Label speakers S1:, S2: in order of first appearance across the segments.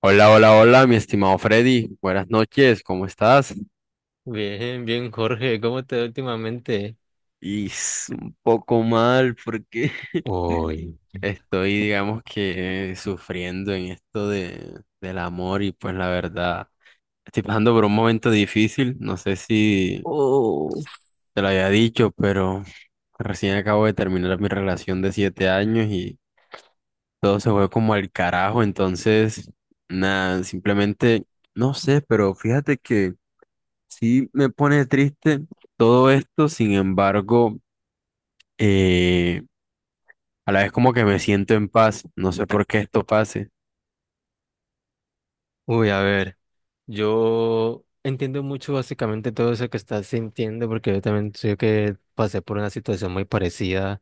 S1: Hola, hola, hola, mi estimado Freddy. Buenas noches, ¿cómo estás?
S2: Bien, bien, Jorge, ¿cómo te va últimamente?
S1: Y un poco mal porque
S2: Uy.
S1: estoy, digamos que, sufriendo en esto del amor y pues la verdad, estoy pasando por un momento difícil. No sé si
S2: Oh,
S1: te lo había dicho, pero recién acabo de terminar mi relación de 7 años y todo se fue como al carajo. Entonces, nada, simplemente, no sé, pero fíjate que. Sí, me pone triste todo esto, sin embargo, eh, a la vez como que me siento en paz, no sé por qué esto pase.
S2: uy, a ver, yo entiendo mucho básicamente todo eso que estás sintiendo porque yo también sé que pasé por una situación muy parecida,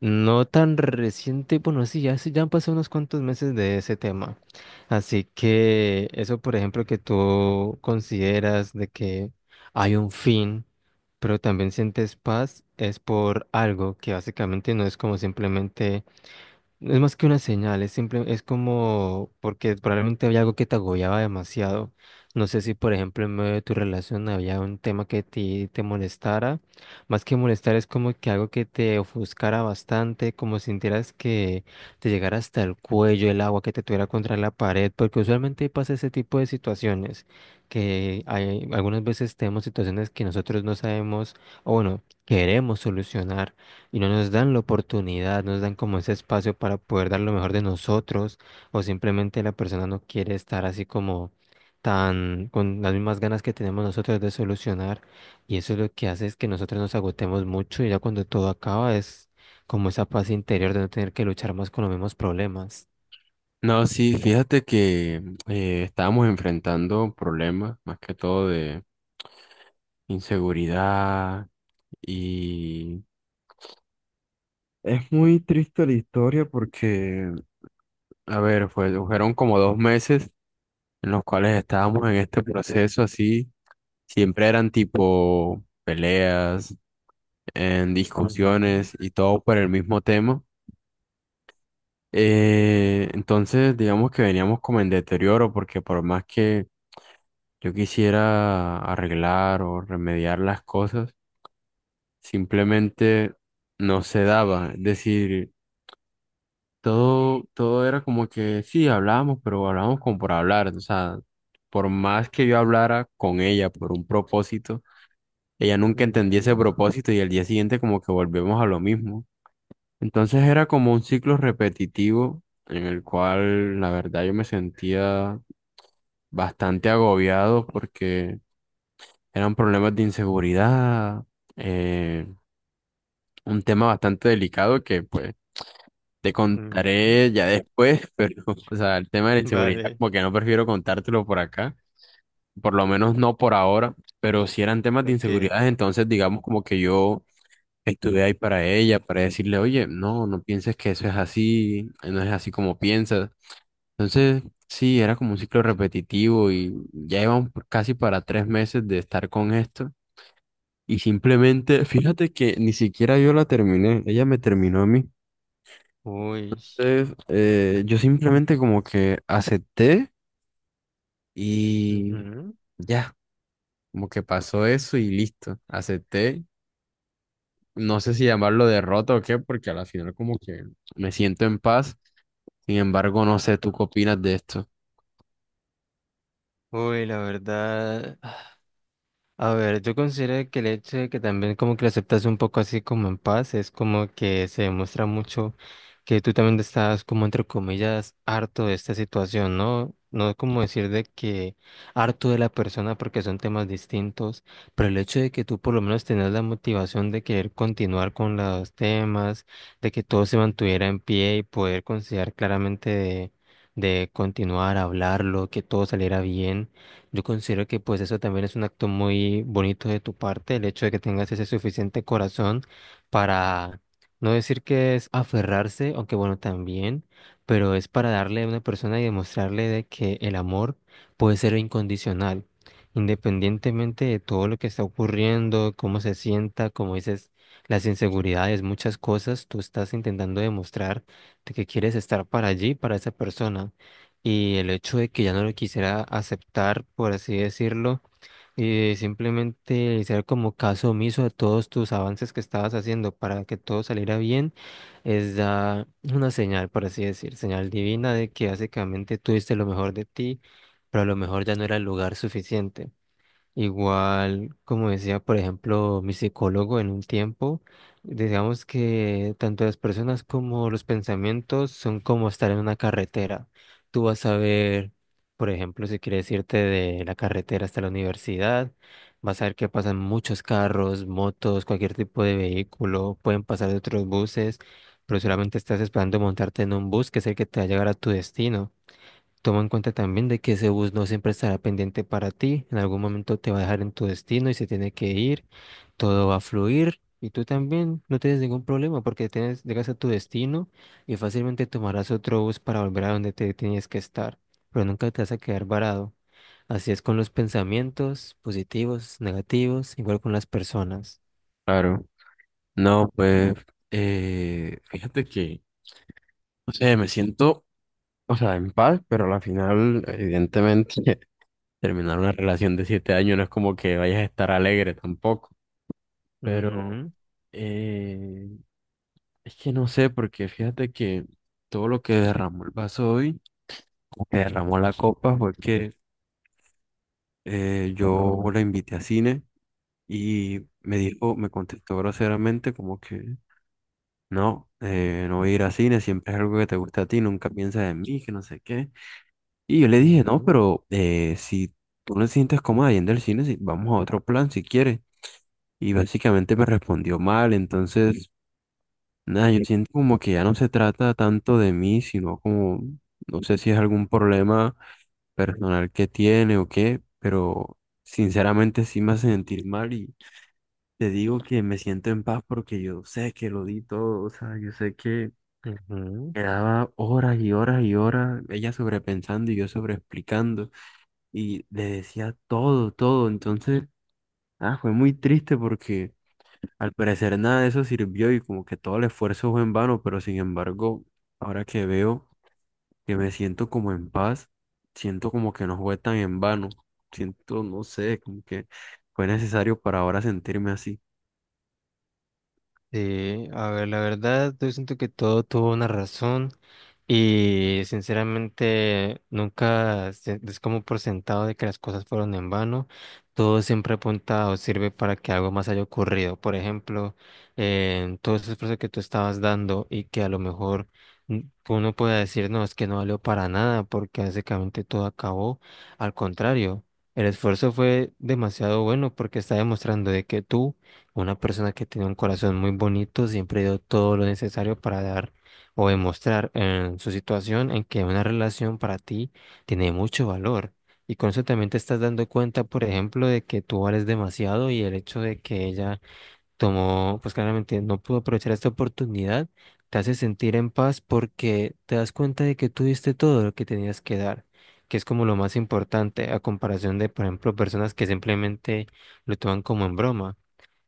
S2: no tan reciente, bueno, sí, ya, ya han pasado unos cuantos meses de ese tema. Así que eso, por ejemplo, que tú consideras de que hay un fin, pero también sientes paz, es por algo que básicamente no es como simplemente... Es más que una señal, es simple, es como porque probablemente había algo que te agobiaba demasiado. No sé si, por ejemplo, en medio de tu relación había un tema que te molestara. Más que molestar, es como que algo que te ofuscara bastante, como si sintieras que te llegara hasta el cuello el agua, que te tuviera contra la pared, porque usualmente pasa ese tipo de situaciones, que hay, algunas veces tenemos situaciones que nosotros no sabemos, o bueno, queremos solucionar y no nos dan la oportunidad, no nos dan como ese espacio para poder dar lo mejor de nosotros, o simplemente la persona no quiere estar así como tan con las mismas ganas que tenemos nosotros de solucionar, y eso es lo que hace es que nosotros nos agotemos mucho y ya cuando todo acaba es como esa paz interior de no tener que luchar más con los mismos problemas.
S1: No, sí, fíjate que estábamos enfrentando problemas, más que todo de inseguridad. Y... Es muy triste la historia porque, a ver, fueron como 2 meses en los cuales estábamos en este proceso así, siempre eran tipo peleas, en
S2: Ujú,
S1: discusiones y todo por el mismo tema. Entonces, digamos que veníamos como en deterioro porque por más que yo quisiera arreglar o remediar las cosas, simplemente no se daba. Es decir, todo era como que sí, hablábamos, pero hablábamos como por hablar. O sea, por más que yo hablara con ella por un propósito, ella nunca entendía ese
S2: ujú,
S1: propósito y al día siguiente como que volvemos a lo mismo. Entonces era como un ciclo repetitivo en el cual la verdad yo me sentía bastante agobiado porque eran problemas de inseguridad, eh, un tema bastante delicado que pues te
S2: ujú.
S1: contaré ya después, pero o sea, el tema de la inseguridad
S2: Vale,
S1: como que no prefiero contártelo por acá, por lo menos no por ahora, pero si eran temas de
S2: ok.
S1: inseguridad, entonces digamos como que yo. Estuve ahí para ella, para decirle, oye, no, no pienses que eso es así, no es así como piensas. Entonces, sí, era como un ciclo repetitivo y ya íbamos casi para 3 meses de estar con esto. Y simplemente, fíjate que ni siquiera yo la terminé, ella me terminó a mí.
S2: Uy,
S1: Entonces, yo simplemente como que acepté y
S2: ujú.
S1: ya, como que pasó eso y listo, acepté. No sé si llamarlo derrota o qué, porque a la final como que me siento en paz. Sin embargo, no sé, ¿tú qué opinas de esto?
S2: Uy, la verdad. A ver, yo considero que el hecho de que también como que lo aceptas un poco así como en paz, es como que se demuestra mucho que tú también estás como entre comillas harto de esta situación, ¿no? No es como decir de que harto de la persona porque son temas distintos, pero el hecho de que tú por lo menos tenías la motivación de querer continuar con los temas, de que todo se mantuviera en pie y poder considerar claramente de continuar, hablarlo, que todo saliera bien. Yo considero que pues eso también es un acto muy bonito de tu parte, el hecho de que tengas ese suficiente corazón para no decir que es aferrarse, aunque bueno, también, pero es para darle a una persona y demostrarle de que el amor puede ser incondicional, independientemente de todo lo que está ocurriendo, cómo se sienta, como dices, las inseguridades, muchas cosas, tú estás intentando demostrar de que quieres estar para allí, para esa persona. Y el hecho de que ya no lo quisiera aceptar, por así decirlo, y simplemente hacer como caso omiso de todos tus avances que estabas haciendo para que todo saliera bien, es ya una señal, por así decir, señal divina de que básicamente tuviste lo mejor de ti, pero a lo mejor ya no era el lugar suficiente. Igual, como decía, por ejemplo, mi psicólogo en un tiempo, digamos que tanto las personas como los pensamientos son como estar en una carretera. Tú vas a ver, por ejemplo, si quieres irte de la carretera hasta la universidad, vas a ver que pasan muchos carros, motos, cualquier tipo de vehículo, pueden pasar de otros buses, pero solamente estás esperando montarte en un bus que es el que te va a llegar a tu destino. Toma en cuenta también de que ese bus no siempre estará pendiente para ti, en algún momento te va a dejar en tu destino y se tiene que ir, todo va a fluir y tú también no tienes ningún problema porque tienes, llegas a tu destino y fácilmente tomarás otro bus para volver a donde te tenías que estar, pero nunca te vas a quedar varado. Así es con los pensamientos positivos, negativos, igual con las personas.
S1: Claro. No, pues, fíjate que. O sea, me siento, o sea, en paz, pero a la final, evidentemente, terminar una relación de 7 años no es como que vayas a estar alegre tampoco. Pero
S2: Ujú,
S1: eh, es que no sé, porque fíjate que todo lo que derramó el vaso hoy, lo que derramó la copa, fue que yo la invité a cine y me dijo, me contestó groseramente como que no, no voy a ir a cine, siempre es algo que te gusta a ti, nunca piensas en mí, que no sé qué. Y yo le dije, no,
S2: ujú,
S1: pero si tú no te sientes cómoda yendo al cine, si vamos a otro plan si quieres. Y básicamente me respondió mal, entonces, nada, yo siento como que ya no se trata tanto de mí, sino como, no sé si es algún problema personal que tiene o qué, pero sinceramente sí me hace sentir mal y te digo que me siento en paz porque yo sé que lo di todo, o sea, yo sé que
S2: ujú.
S1: quedaba horas y horas y horas ella sobrepensando y yo sobreexplicando, y le decía todo, todo. Entonces, ah, fue muy triste porque al parecer nada de eso sirvió y como que todo el esfuerzo fue en vano, pero sin embargo, ahora que veo que me siento como en paz, siento como que no fue tan en vano. Siento, no sé, como que fue necesario para ahora sentirme así.
S2: Sí, a ver, la verdad, yo siento que todo tuvo una razón y sinceramente nunca es como por sentado de que las cosas fueron en vano. Todo siempre apunta o sirve para que algo más haya ocurrido. Por ejemplo, en todo ese esfuerzo que tú estabas dando y que a lo mejor mm, uno pueda decir, no, es que no valió para nada porque básicamente todo acabó. Al contrario, el esfuerzo fue demasiado bueno porque está demostrando de que tú una persona que tiene un corazón muy bonito siempre dio todo lo necesario para dar o demostrar en su situación en que una relación para ti tiene mucho valor. Y con eso también te estás dando cuenta, por ejemplo, de que tú vales demasiado y el hecho de que ella tomó, pues claramente no pudo aprovechar esta oportunidad, te hace sentir en paz porque te das cuenta de que tú diste todo lo que tenías que dar, que es como lo más importante a comparación de, por ejemplo, personas que simplemente lo toman como en broma.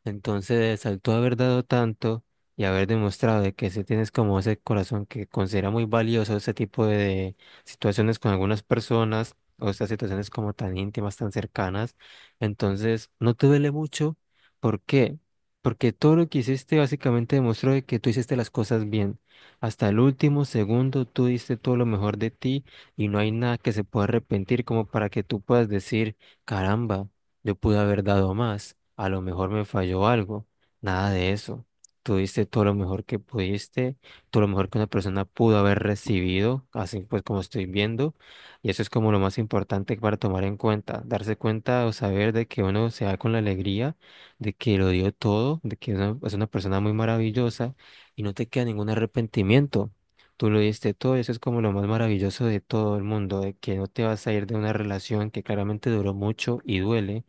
S2: Entonces, al tú haber dado tanto y haber demostrado de que sí tienes como ese corazón que considera muy valioso ese tipo de situaciones con algunas personas o estas situaciones como tan íntimas, tan cercanas, entonces no te duele mucho. ¿Por qué? Porque todo lo que hiciste básicamente demostró de que tú hiciste las cosas bien. Hasta el último segundo tú diste todo lo mejor de ti y no hay nada que se pueda arrepentir como para que tú puedas decir, caramba. Yo pude haber dado más, a lo mejor me falló algo, nada de eso. Tú diste todo lo mejor que pudiste, todo lo mejor que una persona pudo haber recibido, así pues como estoy viendo, y eso es como lo más importante para tomar en cuenta, darse cuenta o saber de que uno se da con la alegría, de que lo dio todo, de que uno es una persona muy maravillosa y no te queda ningún arrepentimiento. Tú lo diste todo, y eso es como lo más maravilloso de todo el mundo, de que no te vas a ir de una relación que claramente duró mucho y duele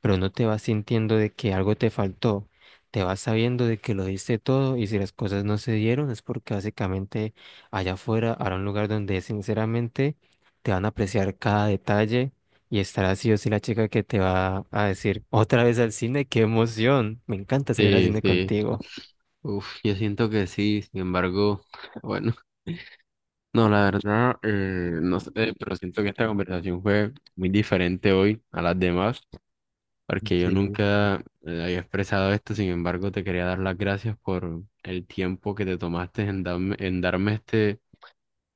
S2: pero no te vas sintiendo de que algo te faltó, te vas sabiendo de que lo diste todo y si las cosas no se dieron es porque básicamente allá afuera hará un lugar donde sinceramente te van a apreciar cada detalle y estará sí o sí la chica que te va a decir otra vez al cine, qué emoción, me encanta salir al
S1: Sí,
S2: cine
S1: sí.
S2: contigo.
S1: Uf, yo siento que sí, sin embargo, bueno, no, la verdad, no sé, pero siento que esta conversación fue muy diferente hoy a las demás, porque yo
S2: Sí.
S1: nunca había expresado esto, sin embargo, te quería dar las gracias por el tiempo que te tomaste en darme este,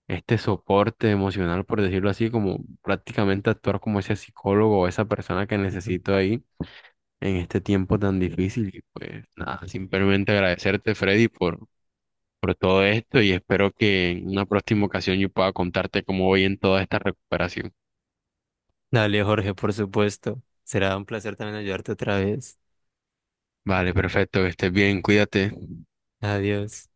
S1: este soporte emocional, por decirlo así, como prácticamente actuar como ese psicólogo o esa persona que
S2: Ujú.
S1: necesito ahí en este tiempo tan difícil. Y pues nada, simplemente agradecerte, Freddy, por todo esto y espero que en una próxima ocasión yo pueda contarte cómo voy en toda esta recuperación.
S2: Dale, Jorge, por supuesto, será un placer también ayudarte otra vez.
S1: Vale, perfecto, que estés bien, cuídate.
S2: Adiós.